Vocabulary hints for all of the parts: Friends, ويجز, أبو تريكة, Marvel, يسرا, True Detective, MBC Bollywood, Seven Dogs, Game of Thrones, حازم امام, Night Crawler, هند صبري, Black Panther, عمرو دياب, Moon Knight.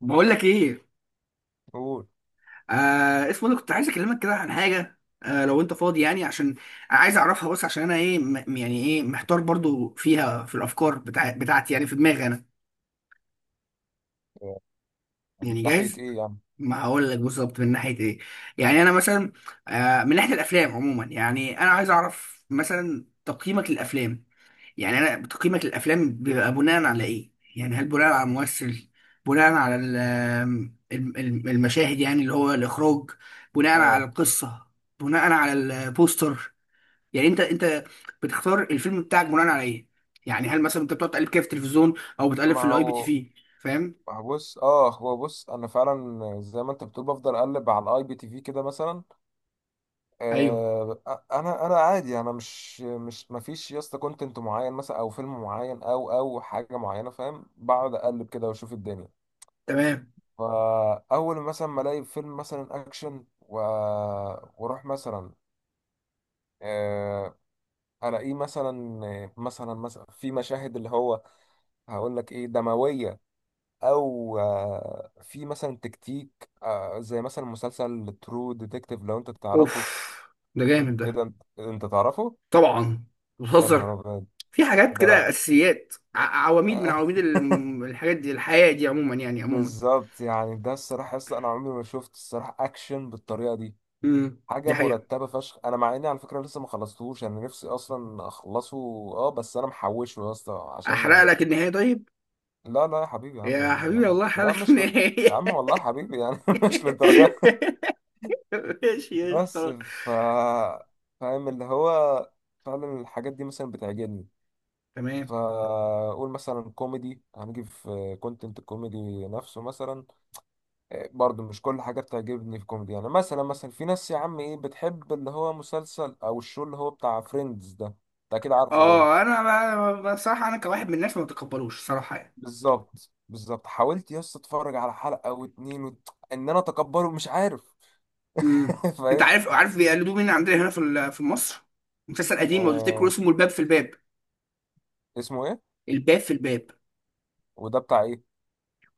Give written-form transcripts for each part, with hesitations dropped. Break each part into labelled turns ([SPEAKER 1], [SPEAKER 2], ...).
[SPEAKER 1] بقول لك ايه؟
[SPEAKER 2] قول.
[SPEAKER 1] اسمه ده، كنت عايز اكلمك كده عن حاجه. لو انت فاضي يعني، عشان عايز اعرفها. بس عشان انا ايه يعني ايه، محتار برضو فيها، في الافكار بتاعتي يعني، في دماغي انا،
[SPEAKER 2] يعني من
[SPEAKER 1] يعني
[SPEAKER 2] ناحية
[SPEAKER 1] جاهز.
[SPEAKER 2] ايه يعني؟
[SPEAKER 1] ما هقول لك بالظبط من ناحيه ايه. يعني انا مثلا من ناحيه الافلام عموما، يعني انا عايز اعرف مثلا تقييمك للافلام. يعني انا تقييمك للافلام بيبقى بناء على ايه؟ يعني هل بناء على ممثل، بناء على المشاهد يعني اللي هو الاخراج، بناء على
[SPEAKER 2] اه
[SPEAKER 1] القصه، بناء على البوستر؟ يعني انت بتختار الفيلم بتاعك بناء على ايه؟ يعني هل مثلا انت بتقعد تقلب كده في التلفزيون او بتقلب
[SPEAKER 2] ما
[SPEAKER 1] في الاي بي تي
[SPEAKER 2] هو
[SPEAKER 1] في؟ فاهم؟
[SPEAKER 2] بص، هو بص، انا فعلا زي ما انت بتقول بفضل اقلب على الاي بي تي في كده مثلا.
[SPEAKER 1] ايوه،
[SPEAKER 2] آه، انا عادي، انا مش، ما فيش يا اسطى كونتنت معين مثلا او فيلم معين، او حاجة معينة، فاهم. بقعد اقلب كده واشوف الدنيا.
[SPEAKER 1] تمام.
[SPEAKER 2] فاول مثلا ما الاقي فيلم مثلا اكشن و... واروح مثلا، آه، الاقيه مثلا في مشاهد اللي هو، هقول لك ايه، دموية، او آه، في مثلا تكتيك، آه، زي مثلا مسلسل ترو ديتكتيف لو انت
[SPEAKER 1] اوف،
[SPEAKER 2] تعرفه.
[SPEAKER 1] ده جامد
[SPEAKER 2] ايه
[SPEAKER 1] ده.
[SPEAKER 2] ده، انت تعرفه؟
[SPEAKER 1] طبعا،
[SPEAKER 2] يا نهار
[SPEAKER 1] بتهزر؟
[SPEAKER 2] ابيض،
[SPEAKER 1] في حاجات
[SPEAKER 2] ده انا!
[SPEAKER 1] كده اساسيات، عواميد من عواميد الحاجات دي، الحياه دي عموما يعني، عموما.
[SPEAKER 2] بالظبط. يعني ده الصراحه، لسه انا عمري ما شفت الصراحه اكشن بالطريقه دي. حاجه
[SPEAKER 1] دي حقيقة.
[SPEAKER 2] مرتبه فشخ. انا مع اني على فكره لسه ما خلصتهوش، انا نفسي اصلا اخلصه. اه، بس انا محوشه يا اسطى عشان
[SPEAKER 1] احرق
[SPEAKER 2] يعني...
[SPEAKER 1] لك النهاية طيب؟
[SPEAKER 2] لا لا يا حبيبي يا عم،
[SPEAKER 1] يا حبيبي
[SPEAKER 2] لا
[SPEAKER 1] الله، احرق
[SPEAKER 2] لا،
[SPEAKER 1] لك
[SPEAKER 2] مش ل... يا
[SPEAKER 1] النهاية.
[SPEAKER 2] عم والله حبيبي يعني، مش للدرجه.
[SPEAKER 1] ماشي.
[SPEAKER 2] بس،
[SPEAKER 1] خلاص.
[SPEAKER 2] ف فاهم اللي هو، فعلا الحاجات دي مثلا بتعجبني.
[SPEAKER 1] تمام.
[SPEAKER 2] فأقول مثلا كوميدي، هنجي في كونتنت الكوميدي نفسه مثلا. إيه، برضو مش كل حاجة بتعجبني في كوميدي. يعني مثلا في ناس يا عم ايه بتحب اللي هو مسلسل او الشو اللي هو بتاع فريندز ده، انت اكيد عارفه برضه.
[SPEAKER 1] اه، انا بصراحة انا كواحد من الناس ما بتقبلوش صراحة يعني.
[SPEAKER 2] بالظبط، بالظبط. حاولت يس اتفرج على حلقة واتنين وت... ان انا اتقبله، مش عارف.
[SPEAKER 1] امم. انت
[SPEAKER 2] فاهم.
[SPEAKER 1] عارف بيقلدوه مين عندنا هنا في مصر؟ مسلسل قديم لو تفتكروا،
[SPEAKER 2] آه...
[SPEAKER 1] اسمه الباب في الباب.
[SPEAKER 2] اسمه ايه؟
[SPEAKER 1] الباب في الباب.
[SPEAKER 2] وده بتاع ايه؟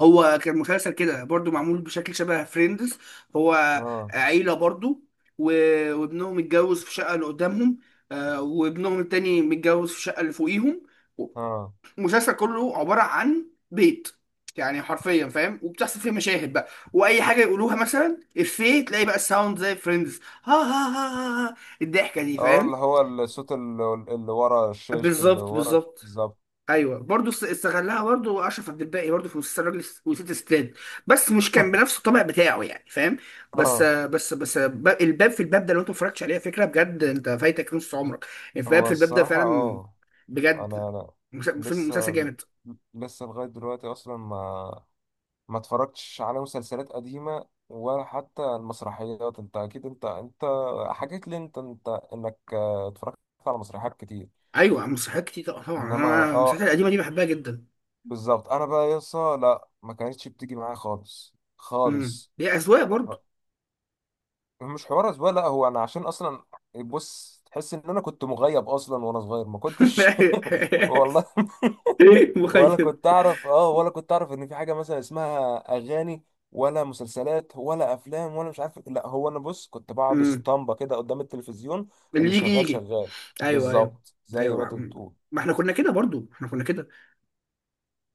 [SPEAKER 1] هو كان مسلسل كده برضو معمول بشكل شبه فريندز. هو
[SPEAKER 2] اه،
[SPEAKER 1] عيلة برضو، وابنهم اتجوز في شقة اللي قدامهم، وابنهم التاني متجوز في الشقة اللي فوقيهم.
[SPEAKER 2] اه،
[SPEAKER 1] المسلسل كله عبارة عن بيت يعني، حرفيا، فاهم؟ وبتحصل فيه مشاهد بقى، واي حاجه يقولوها مثلا افيه، تلاقي بقى الساوند زي فريندز، ها ها ها ها ها، الضحكه دي،
[SPEAKER 2] اه
[SPEAKER 1] فاهم؟
[SPEAKER 2] اللي هو الصوت اللي ورا الشاش، اللي
[SPEAKER 1] بالظبط
[SPEAKER 2] ورا
[SPEAKER 1] بالظبط.
[SPEAKER 2] بالظبط.
[SPEAKER 1] ايوه، برضه استغلها برضه اشرف عبد الباقي، برضه في مسلسل راجل وست ستات، بس مش كان بنفس الطبع بتاعه يعني، فاهم؟
[SPEAKER 2] اه،
[SPEAKER 1] الباب في الباب ده لو انت ما اتفرجتش عليه، فكره بجد انت فايتك نص عمرك. الباب
[SPEAKER 2] هو
[SPEAKER 1] في الباب ده
[SPEAKER 2] الصراحة،
[SPEAKER 1] فعلا،
[SPEAKER 2] اه،
[SPEAKER 1] بجد،
[SPEAKER 2] انا
[SPEAKER 1] فيلم
[SPEAKER 2] لسه،
[SPEAKER 1] مسلسل جامد.
[SPEAKER 2] لغاية دلوقتي اصلا ما اتفرجتش على مسلسلات قديمة، ولا حتى المسرحيات. انت اكيد، انت حكيت لي، انت انك، آه، اتفرجت على مسرحيات كتير.
[SPEAKER 1] ايوه مسرحيات كتير، طبعا طبعاً.
[SPEAKER 2] انما
[SPEAKER 1] انا
[SPEAKER 2] اه
[SPEAKER 1] المسرحيات القديمه دي بحبها جدا.
[SPEAKER 2] بالظبط. انا بقى يسا لا، ما كانتش بتيجي معايا خالص خالص،
[SPEAKER 1] هي اذواق برضه.
[SPEAKER 2] مش حوار اسبوع. لا، هو انا عشان اصلا، بص، تحس ان انا كنت مغيب اصلا، وانا صغير ما كنتش. والله. ولا
[SPEAKER 1] مخيب.
[SPEAKER 2] كنت اعرف، اه، ولا كنت اعرف ان في حاجه مثلا اسمها اغاني، ولا مسلسلات، ولا افلام، ولا مش عارف. لا، هو انا بص كنت بقعد
[SPEAKER 1] امم
[SPEAKER 2] اسطمبه كده قدام التلفزيون. اللي
[SPEAKER 1] اللي يجي
[SPEAKER 2] شغال
[SPEAKER 1] يجي.
[SPEAKER 2] شغال.
[SPEAKER 1] ايوه ايوه،
[SPEAKER 2] بالظبط زي ما
[SPEAKER 1] ايوه.
[SPEAKER 2] انت بتقول.
[SPEAKER 1] ما احنا كنا كده برضه، احنا كنا كده.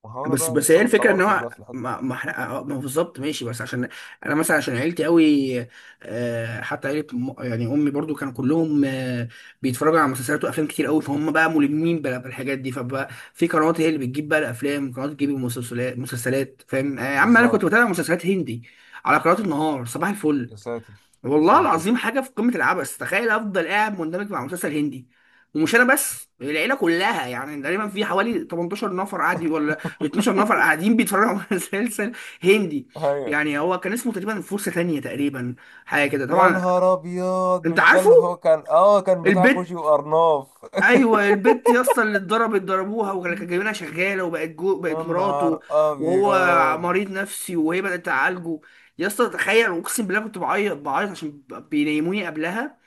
[SPEAKER 2] ما هو انا
[SPEAKER 1] بس
[SPEAKER 2] بقى
[SPEAKER 1] بس
[SPEAKER 2] لسه
[SPEAKER 1] هي
[SPEAKER 2] ما
[SPEAKER 1] الفكره، ان
[SPEAKER 2] اتطورتش
[SPEAKER 1] هو
[SPEAKER 2] بقى في الحته.
[SPEAKER 1] ما احنا، ما هو بالظبط، ماشي، بس عشان انا مثلا عشان عيلتي قوي، حتى عيله يعني امي برضو كانوا كلهم بيتفرجوا على مسلسلات وافلام كتير قوي، فهم بقى ملمين بالحاجات دي. فبقى في قنوات هي اللي بتجيب بقى الافلام، قنوات بتجيب المسلسلات، مسلسلات، فاهم؟ يا عم انا
[SPEAKER 2] بالظبط.
[SPEAKER 1] كنت بتابع مسلسلات هندي على قناه النهار صباح الفل.
[SPEAKER 2] يا ساتر يا
[SPEAKER 1] والله
[SPEAKER 2] ساتر.
[SPEAKER 1] العظيم حاجه في قمه العبث، تخيل افضل قاعد مندمج مع مسلسل هندي. ومش انا بس، العيله كلها يعني، تقريبا في حوالي 18 نفر قاعد، ولا 12 نفر قاعدين بيتفرجوا على مسلسل هندي.
[SPEAKER 2] ايوه.
[SPEAKER 1] يعني هو كان اسمه تقريبا فرصه ثانيه تقريبا، حاجه كده
[SPEAKER 2] يا
[SPEAKER 1] طبعا.
[SPEAKER 2] نهار ابيض،
[SPEAKER 1] انت
[SPEAKER 2] مش ده
[SPEAKER 1] عارفه،
[SPEAKER 2] اللي هو كان، كان بتاع
[SPEAKER 1] البت.
[SPEAKER 2] كوشي وارناف؟
[SPEAKER 1] ايوه، البت يا اسطى اللي اتضربت ضربوها، وكان كان جايبينها شغاله، وبقت جو،
[SPEAKER 2] يا
[SPEAKER 1] بقت
[SPEAKER 2] نهار
[SPEAKER 1] مراته، وهو
[SPEAKER 2] ابيض.
[SPEAKER 1] مريض نفسي وهي بدات تعالجه. يا اسطى تخيل، اقسم بالله كنت بعيط بعيط عشان بينيموني قبلها،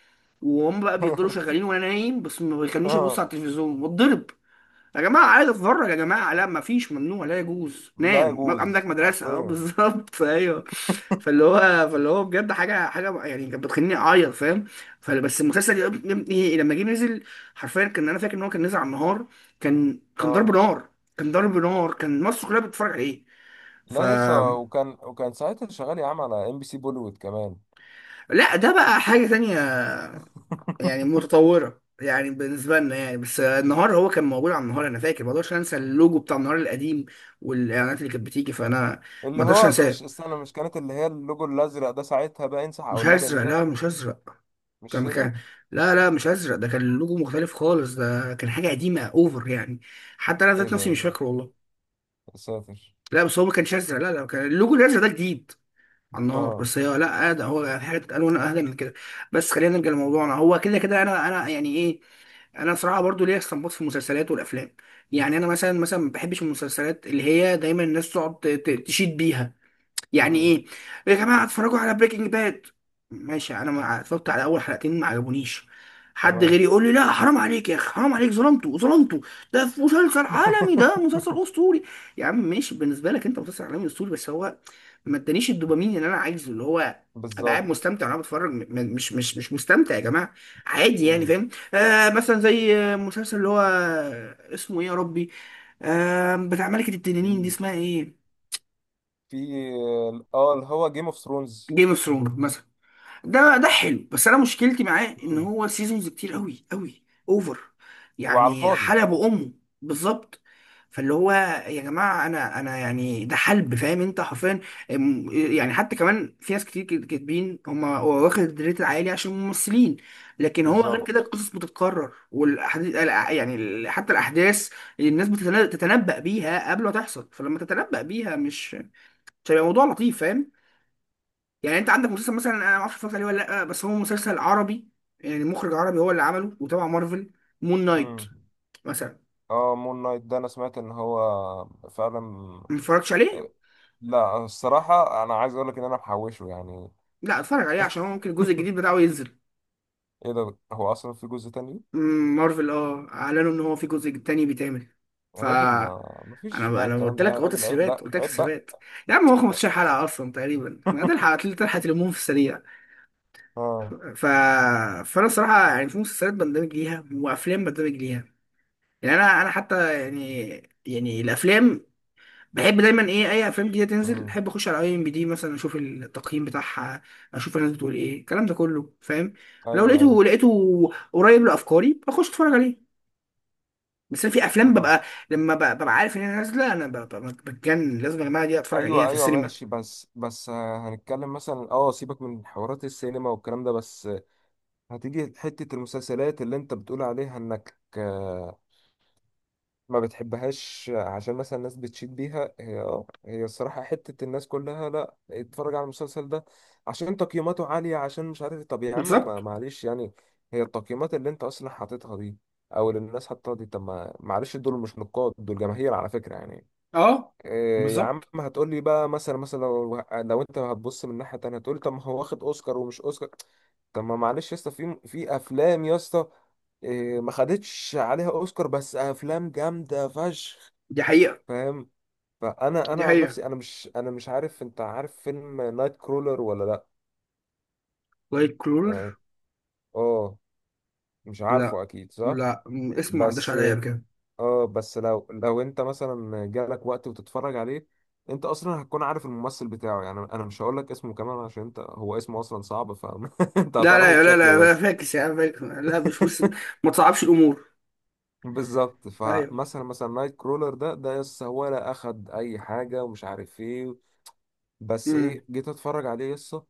[SPEAKER 1] وهم بقى بيفضلوا شغالين وانا نايم بس، ما بيخلينيش ابص
[SPEAKER 2] آه،
[SPEAKER 1] على التلفزيون واتضرب. يا جماعه عايز اتفرج، يا جماعه لا، ما فيش، ممنوع، لا يجوز،
[SPEAKER 2] لا
[SPEAKER 1] نام، عندك
[SPEAKER 2] يجوز
[SPEAKER 1] مدرسه، اه
[SPEAKER 2] حرفيا.
[SPEAKER 1] بالظبط. ايوه. فاللي هو بجد حاجه حاجه يعني، كانت بتخليني اعيط، فاهم؟ فبس المسلسل يا ابني لما جه نزل، حرفيا، كان انا فاكر ان هو كان نزل على النهار، كان ضرب
[SPEAKER 2] اه،
[SPEAKER 1] نار، كان ضرب نار، كان مصر كلها بتتفرج عليه. ف
[SPEAKER 2] لا لسه. وكان، وكان ساعتها شغال يا عم على ام بي سي بوليوود كمان.
[SPEAKER 1] لا ده بقى حاجه تانية، يعني متطورة يعني بالنسبة لنا يعني، بس النهار هو كان موجود على النهار. أنا فاكر ما أقدرش أنسى اللوجو بتاع النهار القديم والإعلانات اللي كانت بتيجي، فأنا ما
[SPEAKER 2] اللي
[SPEAKER 1] أقدرش
[SPEAKER 2] هو
[SPEAKER 1] أنساه.
[SPEAKER 2] مش، استنى، مش كانت اللي هي اللوجو الازرق ده ساعتها، بقى انسح او
[SPEAKER 1] مش
[SPEAKER 2] اللبني
[SPEAKER 1] هزرق،
[SPEAKER 2] ده؟
[SPEAKER 1] لا مش هزرق،
[SPEAKER 2] مش
[SPEAKER 1] كان
[SPEAKER 2] هي؟
[SPEAKER 1] كان لا لا، مش هزرق، ده كان اللوجو مختلف خالص، ده كان حاجة قديمة أوفر يعني. حتى أنا
[SPEAKER 2] ايه
[SPEAKER 1] ذات
[SPEAKER 2] ده،
[SPEAKER 1] نفسي
[SPEAKER 2] ايه
[SPEAKER 1] مش
[SPEAKER 2] ده،
[SPEAKER 1] فاكره والله.
[SPEAKER 2] يا ساتر.
[SPEAKER 1] لا بس هو ما كانش أزرق، لا لا، كان اللوجو الأزرق ده جديد على النهار،
[SPEAKER 2] اه.
[SPEAKER 1] بس هي لا، ده هو في حاجة ألوان أهدى من كده. بس خلينا نرجع لموضوعنا. هو كده كده، أنا يعني إيه، انا صراحه برضو ليا استنباط في المسلسلات والافلام. يعني انا مثلا ما بحبش المسلسلات اللي هي دايما الناس تقعد تشيد بيها. يعني
[SPEAKER 2] امم.
[SPEAKER 1] ايه يا جماعه، اتفرجوا على بريكنج باد. ماشي انا ما اتفرجت على اول حلقتين، ما عجبونيش. حد
[SPEAKER 2] تمام.
[SPEAKER 1] غيري يقول لي لا حرام عليك يا اخي، حرام عليك، ظلمته ظلمته، ده في مسلسل عالمي، ده مسلسل اسطوري. يا عم ماشي، بالنسبه لك انت مسلسل عالمي اسطوري، بس هو ما ادانيش الدوبامين اللي انا عايزه، اللي هو ابقى قاعد
[SPEAKER 2] بالظبط.
[SPEAKER 1] مستمتع وانا بتفرج، مش مستمتع يا جماعه، عادي يعني،
[SPEAKER 2] امم.
[SPEAKER 1] فاهم؟ آه، مثلا زي، مسلسل اللي هو اسمه ايه يا ربي، بتاع ملكه التنانين دي
[SPEAKER 2] في
[SPEAKER 1] اسمها ايه؟
[SPEAKER 2] في اه اللي هو جيم اوف ثرونز.
[SPEAKER 1] جيم اوف ثرونز. ده حلو، بس انا مشكلتي معاه ان هو سيزونز كتير قوي قوي، اوفر
[SPEAKER 2] وعلى
[SPEAKER 1] يعني،
[SPEAKER 2] الفاضي.
[SPEAKER 1] حلب امه. بالظبط. فاللي هو، يا جماعه انا يعني ده حلب، فاهم انت حرفيا؟ أم- يعني حتى كمان في ناس كتير كاتبين هم هو واخد الريت العالي عشان ممثلين، لكن هو غير كده
[SPEAKER 2] بالظبط.
[SPEAKER 1] القصص بتتكرر والاحاديث، يعني حتى الاحداث الناس بتتنبأ بيها قبل ما تحصل، فلما تتنبأ بيها مش هيبقى موضوع لطيف، فاهم؟ يعني انت عندك مسلسل مثلا، انا ما اعرفش اتفرجت عليه ولا لا، بس هو مسلسل عربي يعني، مخرج عربي هو اللي عمله وتبع مارفل، مون نايت
[SPEAKER 2] مم.
[SPEAKER 1] مثلا.
[SPEAKER 2] اه، مون نايت ده انا سمعت ان هو فعلا.
[SPEAKER 1] ما اتفرجتش عليه.
[SPEAKER 2] لا الصراحة، انا عايز اقول لك ان انا محوشه يعني.
[SPEAKER 1] لا اتفرج عليه، عشان هو ممكن الجزء الجديد بتاعه ينزل.
[SPEAKER 2] ايه ده، هو اصلا في جزء تاني؟
[SPEAKER 1] مارفل اه اعلنوا ان هو في جزء تاني بيتعمل. ف
[SPEAKER 2] يا راجل، ما ما فيش
[SPEAKER 1] انا
[SPEAKER 2] بقى
[SPEAKER 1] انا
[SPEAKER 2] الكلام
[SPEAKER 1] قلت
[SPEAKER 2] ده،
[SPEAKER 1] لك
[SPEAKER 2] يا
[SPEAKER 1] اهو،
[SPEAKER 2] راجل عيب
[SPEAKER 1] تسريبات
[SPEAKER 2] بقى،
[SPEAKER 1] قلت لك،
[SPEAKER 2] عيب بقى.
[SPEAKER 1] تسريبات. يا عم هو 15 حلقه اصلا تقريبا، ما ده الحلقه اللي تلحق تلمهم في السريع.
[SPEAKER 2] اه.
[SPEAKER 1] ف... فانا الصراحه يعني في مسلسلات بندمج ليها وافلام بندمج ليها. يعني انا حتى يعني، يعني الافلام بحب دايما ايه، اي افلام جديده تنزل
[SPEAKER 2] مم.
[SPEAKER 1] بحب اخش على اي ام بي دي مثلا، اشوف التقييم بتاعها، اشوف الناس بتقول ايه الكلام ده كله، فاهم؟ لو
[SPEAKER 2] ايوه ايوه.
[SPEAKER 1] لقيته لقيته قريب لافكاري بخش اتفرج عليه. بس أنا في افلام
[SPEAKER 2] ما-
[SPEAKER 1] ببقى، لما ببقى عارف ان هي نازله انا بتجنن، لازم يا جماعه دي اتفرج عليها
[SPEAKER 2] ايوه
[SPEAKER 1] في
[SPEAKER 2] ايوه
[SPEAKER 1] السينما.
[SPEAKER 2] ماشي. بس آه، هنتكلم مثلا، اه، سيبك من حوارات السينما والكلام ده. بس هتيجي حتة المسلسلات اللي انت بتقول عليها انك، آه، ما بتحبهاش عشان مثلا الناس بتشيد بيها. هي اه، هي الصراحة حتة الناس كلها: لا، اتفرج على المسلسل ده عشان تقييماته عالية، عشان مش عارف. طب يا عم،
[SPEAKER 1] بالظبط،
[SPEAKER 2] ما- معلش يعني. هي التقييمات اللي انت اصلا حاططها دي او اللي الناس حاططها دي، طب ما معلش، دول مش نقاد، دول جماهير على فكرة يعني.
[SPEAKER 1] اه
[SPEAKER 2] إيه يا عم،
[SPEAKER 1] بالظبط.
[SPEAKER 2] هتقول لي بقى مثلا، مثلا لو انت هتبص من ناحية تانية، هتقول لي طب ما هو واخد اوسكار ومش اوسكار. طب ما معلش يا اسطى، في افلام يا اسطى إيه ما خدتش عليها اوسكار، بس افلام جامدة فشخ.
[SPEAKER 1] دي حقيقه،
[SPEAKER 2] فاهم. فانا
[SPEAKER 1] دي
[SPEAKER 2] انا عن
[SPEAKER 1] حقيقه.
[SPEAKER 2] نفسي، انا مش عارف، انت عارف فيلم نايت كرولر ولا لا؟
[SPEAKER 1] وايت كلور.
[SPEAKER 2] يعني، اه، مش
[SPEAKER 1] لا
[SPEAKER 2] عارفه اكيد صح.
[SPEAKER 1] لا، اسمه ما عداش
[SPEAKER 2] بس
[SPEAKER 1] عليا بكده.
[SPEAKER 2] اه، بس لو انت مثلا جالك وقت وتتفرج عليه، انت اصلا هتكون عارف الممثل بتاعه. يعني انا مش هقول لك اسمه كمان عشان انت، هو اسمه اصلا صعب، فانت
[SPEAKER 1] لا
[SPEAKER 2] هتعرفه
[SPEAKER 1] لا لا
[SPEAKER 2] بشكله
[SPEAKER 1] لا لا،
[SPEAKER 2] بس.
[SPEAKER 1] فاكس يا عم، فاكس. لا مش ما تصعبش الامور.
[SPEAKER 2] بالظبط.
[SPEAKER 1] ايوه.
[SPEAKER 2] فمثلا، نايت كرولر ده، يسا، ولا اخد اي حاجه ومش عارف ايه. بس
[SPEAKER 1] امم
[SPEAKER 2] ايه، جيت اتفرج عليه يسا،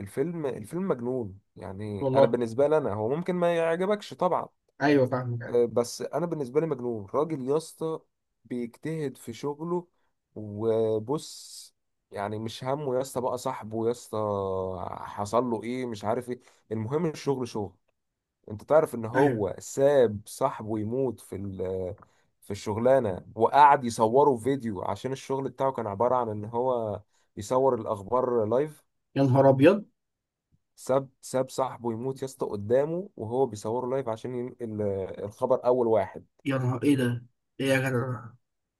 [SPEAKER 2] الفيلم مجنون. يعني انا
[SPEAKER 1] والله،
[SPEAKER 2] بالنسبه لي، انا، هو ممكن ما يعجبكش طبعا،
[SPEAKER 1] ايوه، فاهمك، ايوه.
[SPEAKER 2] آه، بس انا بالنسبه لي مجنون. راجل يا اسطى بيجتهد في شغله. وبص، يعني مش همه يا اسطى بقى صاحبه، يا اسطى حصل له ايه، مش عارف ايه، المهم الشغل شغل. انت تعرف ان
[SPEAKER 1] ايوه،
[SPEAKER 2] هو ساب صاحبه يموت في ال-، في الشغلانه، وقعد يصوره فيديو، عشان الشغل بتاعه كان عباره عن ان هو يصور الاخبار لايف.
[SPEAKER 1] يا نهار ابيض،
[SPEAKER 2] ساب صاحبه يموت يا اسطى قدامه وهو بيصوره لايف عشان ينقل، آه، الخبر اول واحد.
[SPEAKER 1] يا نهار ايه ده، ايه يا جدع؟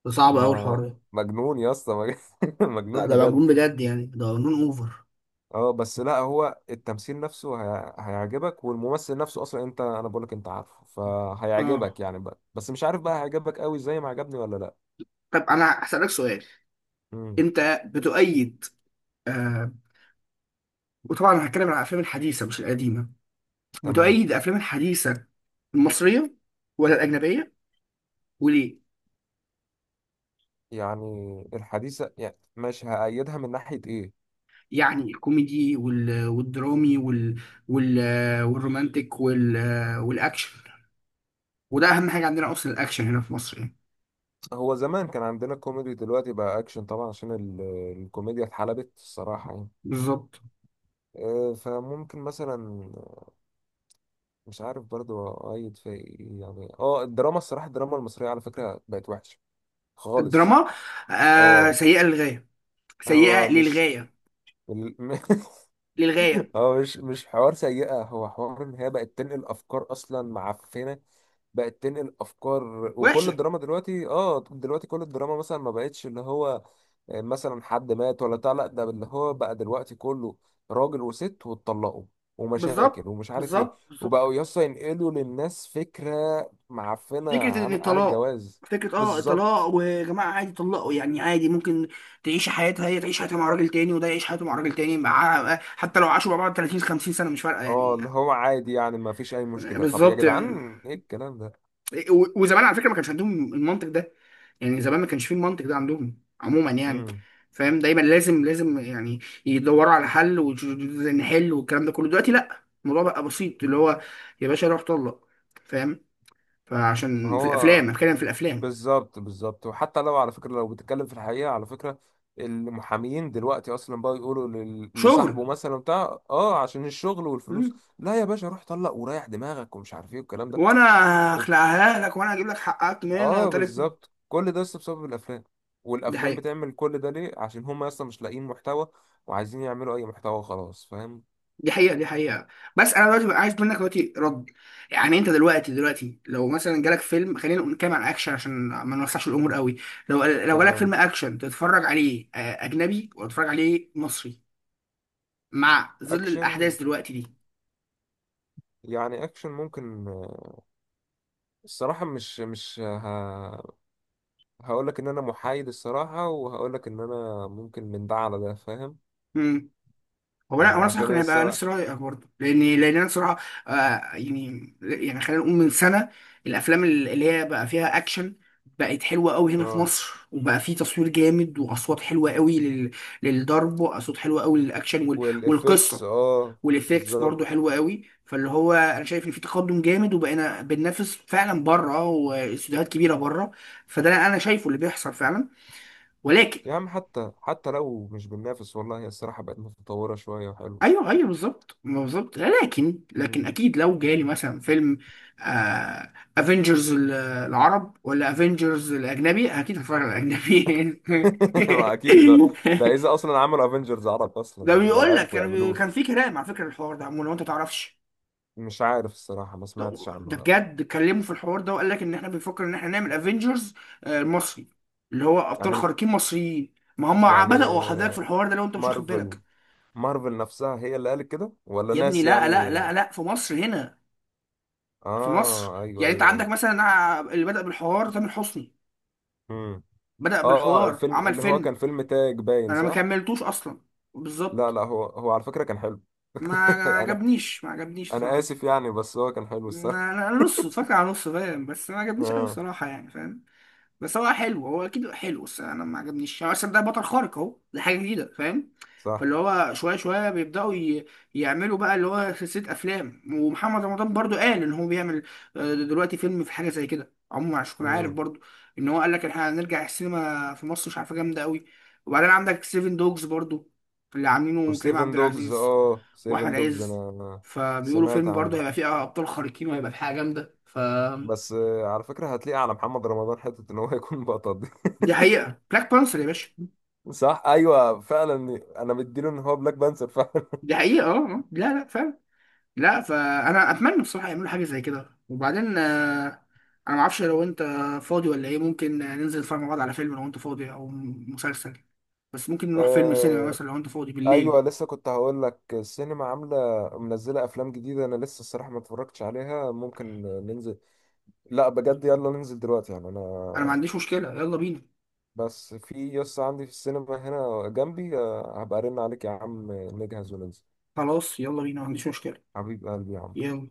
[SPEAKER 1] ده صعب قوي
[SPEAKER 2] ما،
[SPEAKER 1] الحوار ده.
[SPEAKER 2] مجنون يا اسطى،
[SPEAKER 1] لا
[SPEAKER 2] مجنون
[SPEAKER 1] ده مجنون
[SPEAKER 2] بجد.
[SPEAKER 1] بجد يعني، ده مجنون اوفر.
[SPEAKER 2] اه، بس لا هو التمثيل نفسه هي... هيعجبك. والممثل نفسه اصلا انت، انا بقولك انت عارفه،
[SPEAKER 1] اه.
[SPEAKER 2] فهيعجبك يعني بقى. بس مش عارف بقى هيعجبك قوي زي ما عجبني ولا لا.
[SPEAKER 1] طب انا هسألك سؤال،
[SPEAKER 2] امم.
[SPEAKER 1] انت بتؤيد، آه وطبعا انا هتكلم عن الافلام الحديثه مش القديمه،
[SPEAKER 2] تمام.
[SPEAKER 1] بتؤيد الافلام الحديثه المصريه ولا الاجنبيه؟ وليه؟
[SPEAKER 2] يعني الحديثة، يعني مش هأيدها من ناحية ايه؟
[SPEAKER 1] يعني الكوميدي والدرامي وال... والرومانتك والاكشن، وده اهم حاجه عندنا اصلا، الاكشن هنا في مصر يعني.
[SPEAKER 2] هو زمان كان عندنا كوميدي، دلوقتي بقى اكشن طبعا، عشان ال... الكوميديا اتحلبت الصراحة يعني.
[SPEAKER 1] بالظبط.
[SPEAKER 2] آه، فممكن مثلا، مش عارف برضو اقيد في إيه يعني. اه الدراما الصراحه، الدراما المصريه على فكره بقت وحشه خالص.
[SPEAKER 1] الدراما
[SPEAKER 2] اه.
[SPEAKER 1] سيئة للغاية، سيئة
[SPEAKER 2] هو مش
[SPEAKER 1] للغاية،
[SPEAKER 2] ال-،
[SPEAKER 1] للغاية،
[SPEAKER 2] هو مش حوار سيئه، هو حوار ان هي بقت تنقل افكار اصلا معفنه، بقت تنقل افكار. وكل
[SPEAKER 1] وحشة.
[SPEAKER 2] الدراما دلوقتي، اه، دلوقتي كل الدراما مثلا ما بقتش اللي هو، آه، مثلا حد مات ولا بتاع، لا، ده اللي هو بقى دلوقتي كله راجل وست واتطلقوا، ومشاكل،
[SPEAKER 1] بالظبط
[SPEAKER 2] ومش عارف ايه،
[SPEAKER 1] بالظبط بالظبط.
[SPEAKER 2] وبقوا يسطا ينقلوا للناس فكرة معفنة
[SPEAKER 1] فكرة ان
[SPEAKER 2] عن،
[SPEAKER 1] الطلاق،
[SPEAKER 2] الجواز.
[SPEAKER 1] فكرة الطلاق
[SPEAKER 2] بالظبط.
[SPEAKER 1] ويا جماعة عادي طلقوا يعني، عادي ممكن تعيش حياتها، هي تعيش حياتها مع راجل تاني وده يعيش حياته مع راجل تاني، مع حتى لو عاشوا مع بعض 30 50 سنة مش فارقة
[SPEAKER 2] اه
[SPEAKER 1] يعني.
[SPEAKER 2] اللي هو عادي يعني، ما فيش اي مشكلة. طب يا
[SPEAKER 1] بالظبط.
[SPEAKER 2] جدعان ايه الكلام ده؟
[SPEAKER 1] وزمان على فكره ما كانش عندهم المنطق ده، يعني زمان ما كانش فيه المنطق ده عندهم عموما يعني،
[SPEAKER 2] امم.
[SPEAKER 1] فاهم؟ دايما لازم لازم يعني يدوروا على حل ونحل والكلام ده كله. دلوقتي لا، الموضوع بقى بسيط، اللي هو يا باشا روح طلق، فاهم؟ فعشان في الافلام،
[SPEAKER 2] هو
[SPEAKER 1] أنا بتكلم في الافلام.
[SPEAKER 2] بالظبط، بالظبط. وحتى لو على فكرة، لو بتتكلم في الحقيقة على فكرة، المحامين دلوقتي اصلا بقى يقولوا لل-،
[SPEAKER 1] شغل.
[SPEAKER 2] لصاحبه مثلا بتاع اه عشان الشغل والفلوس:
[SPEAKER 1] مم.
[SPEAKER 2] لا يا باشا روح طلق، وريح دماغك، ومش عارف ايه والكلام ده.
[SPEAKER 1] وانا
[SPEAKER 2] وب-
[SPEAKER 1] هخلعها لك، وانا هجيب لك حقك منها
[SPEAKER 2] اه
[SPEAKER 1] طرف.
[SPEAKER 2] بالظبط. كل ده اصلا بسبب الافلام.
[SPEAKER 1] دي
[SPEAKER 2] والافلام
[SPEAKER 1] حقيقة،
[SPEAKER 2] بتعمل كل ده ليه؟ عشان هم اصلا مش لاقيين محتوى، وعايزين يعملوا اي محتوى، خلاص، فاهم.
[SPEAKER 1] دي حقيقة، دي حقيقة. بس انا دلوقتي بقى عايز منك دلوقتي رد. يعني انت دلوقتي لو مثلا جالك فيلم، خلينا نتكلم عن اكشن عشان ما نوسعش الامور قوي. لو جالك فيلم
[SPEAKER 2] تمام.
[SPEAKER 1] اكشن تتفرج عليه اجنبي، ولا تتفرج عليه مصري، مع ظل
[SPEAKER 2] اكشن،
[SPEAKER 1] الاحداث دلوقتي؟
[SPEAKER 2] يعني اكشن ممكن آه، الصراحة مش هقول لك ان انا محايد الصراحه، وهقول لك ان انا ممكن من ده على ده. فاهم.
[SPEAKER 1] دي، هو انا، هو
[SPEAKER 2] يعني
[SPEAKER 1] انا صراحه
[SPEAKER 2] عشان
[SPEAKER 1] كان
[SPEAKER 2] انا
[SPEAKER 1] هيبقى نفس
[SPEAKER 2] الصراحه،
[SPEAKER 1] رايك برضه، لان انا صراحه، آه يعني يعني خلينا نقول من سنه، الافلام اللي هي بقى فيها اكشن بقت حلوه قوي هنا في
[SPEAKER 2] اه،
[SPEAKER 1] مصر، وبقى في تصوير جامد واصوات حلوه قوي للضرب، واصوات حلوه قوي للاكشن
[SPEAKER 2] والافكتس،
[SPEAKER 1] والقصه
[SPEAKER 2] اه
[SPEAKER 1] والافكتس
[SPEAKER 2] بالظبط.
[SPEAKER 1] برضه حلوه قوي، فاللي هو انا شايف ان في تقدم جامد، وبقينا بننافس فعلا بره، واستوديوهات كبيره بره. فده انا شايفه اللي بيحصل فعلا، ولكن،
[SPEAKER 2] يا عم حتى لو مش بننافس والله، هي الصراحه بقت متطوره شويه وحلوه.
[SPEAKER 1] ايوه ايوه بالظبط، ما بالظبط، لكن
[SPEAKER 2] مم.
[SPEAKER 1] اكيد لو جالي مثلا فيلم، آه، افنجرز العرب ولا افنجرز الاجنبي، اكيد هتفرج على الاجنبي.
[SPEAKER 2] ما اكيد ده! ده اذا اصلا عملوا افنجرز عرب
[SPEAKER 1] ده
[SPEAKER 2] اصلا، لو
[SPEAKER 1] بيقول لك
[SPEAKER 2] عرفوا
[SPEAKER 1] كان كان
[SPEAKER 2] يعملوه.
[SPEAKER 1] في كلام على فكره، الحوار ده عمو لو انت تعرفش.
[SPEAKER 2] مش عارف الصراحه، ما
[SPEAKER 1] ده
[SPEAKER 2] سمعتش
[SPEAKER 1] ده
[SPEAKER 2] عنه لا.
[SPEAKER 1] بجد اتكلموا في الحوار ده، وقال لك ان احنا بنفكر ان احنا نعمل افنجرز المصري، اللي هو
[SPEAKER 2] يعني
[SPEAKER 1] ابطال خارقين مصريين، ما هم
[SPEAKER 2] يعني
[SPEAKER 1] بدأوا حضرتك في
[SPEAKER 2] آه،
[SPEAKER 1] الحوار ده لو انت مش واخد
[SPEAKER 2] مارفل
[SPEAKER 1] بالك.
[SPEAKER 2] مارفل نفسها هي اللي قالت كده ولا
[SPEAKER 1] يا ابني
[SPEAKER 2] ناس
[SPEAKER 1] لا
[SPEAKER 2] يعني؟
[SPEAKER 1] لا لا لا، في مصر هنا، في مصر.
[SPEAKER 2] اه ايوه
[SPEAKER 1] يعني انت عندك
[SPEAKER 2] ايوه.
[SPEAKER 1] مثلا، انا اللي بدأ بالحوار تامر حسني،
[SPEAKER 2] ايوه.
[SPEAKER 1] بدأ
[SPEAKER 2] اه
[SPEAKER 1] بالحوار
[SPEAKER 2] فيلم
[SPEAKER 1] عمل
[SPEAKER 2] اللي هو كان
[SPEAKER 1] فيلم.
[SPEAKER 2] فيلم تاج، باين
[SPEAKER 1] انا ما
[SPEAKER 2] صح.
[SPEAKER 1] كملتوش اصلا،
[SPEAKER 2] لا
[SPEAKER 1] بالظبط.
[SPEAKER 2] لا، هو هو على فكرة كان حلو.
[SPEAKER 1] ما
[SPEAKER 2] انا
[SPEAKER 1] عجبنيش، ما عجبنيش
[SPEAKER 2] انا
[SPEAKER 1] صراحة.
[SPEAKER 2] اسف يعني، بس هو كان حلو
[SPEAKER 1] ما
[SPEAKER 2] الصراحة.
[SPEAKER 1] انا، أنا نص اتفرجت على نص، فاهم؟ بس ما عجبنيش قوي
[SPEAKER 2] اه.
[SPEAKER 1] الصراحة يعني، فاهم؟ بس هو حلو، هو اكيد حلو، بس انا ما عجبنيش هو اصلا، ده بطل خارق اهو، ده حاجه جديده، فاهم؟
[SPEAKER 2] صح.
[SPEAKER 1] فاللي هو شويه شويه بيبداوا يعملوا بقى اللي هو سلسله افلام، ومحمد رمضان برضو قال ان هو بيعمل دلوقتي فيلم في حاجه زي كده عموما، عشان تكون عارف
[SPEAKER 2] امم.
[SPEAKER 1] برضو ان هو قال لك احنا هنرجع السينما في مصر مش عارفه جامده قوي. وبعدين عندك سيفن دوجز برضو، اللي عاملينه كريم عبد
[SPEAKER 2] وسيفن دوجز.
[SPEAKER 1] العزيز
[SPEAKER 2] اه، سيفن
[SPEAKER 1] واحمد
[SPEAKER 2] دوجز
[SPEAKER 1] عز،
[SPEAKER 2] انا
[SPEAKER 1] فبيقولوا
[SPEAKER 2] سمعت
[SPEAKER 1] فيلم برضو
[SPEAKER 2] عنه.
[SPEAKER 1] هيبقى فيه ابطال خارقين، وهيبقى في حاجه جامده.
[SPEAKER 2] بس آه، على فكرة هتلاقي على محمد رمضان حتة ان هو يكون بطل دي.
[SPEAKER 1] دي حقيقه، بلاك بانثر يا باشا.
[SPEAKER 2] صح ايوه فعلا. انا مديله ان هو بلاك بانثر فعلا.
[SPEAKER 1] دي حقيقة، لا لا فعلا، لا، فأنا أتمنى بصراحة يعملوا حاجة زي كده. وبعدين أنا معرفش لو أنت فاضي ولا إيه، ممكن ننزل نتفرج مع بعض على فيلم لو أنت فاضي أو مسلسل، بس ممكن نروح فيلم سينما
[SPEAKER 2] آه
[SPEAKER 1] مثلا لو أنت فاضي
[SPEAKER 2] ايوه،
[SPEAKER 1] بالليل.
[SPEAKER 2] لسه كنت هقول لك السينما عامله منزله افلام جديده. انا لسه الصراحه ما اتفرجتش عليها، ممكن ننزل. لا بجد يلا ننزل دلوقتي. يعني انا،
[SPEAKER 1] أنا ما عنديش مشكلة، يلا بينا.
[SPEAKER 2] بس في يس عندي في السينما هنا جنبي، آه، هبقى ارن عليك يا عم نجهز وننزل.
[SPEAKER 1] خلاص يلا بينا، ما عنديش مشكلة.
[SPEAKER 2] حبيب قلبي يا عم.
[SPEAKER 1] يلا.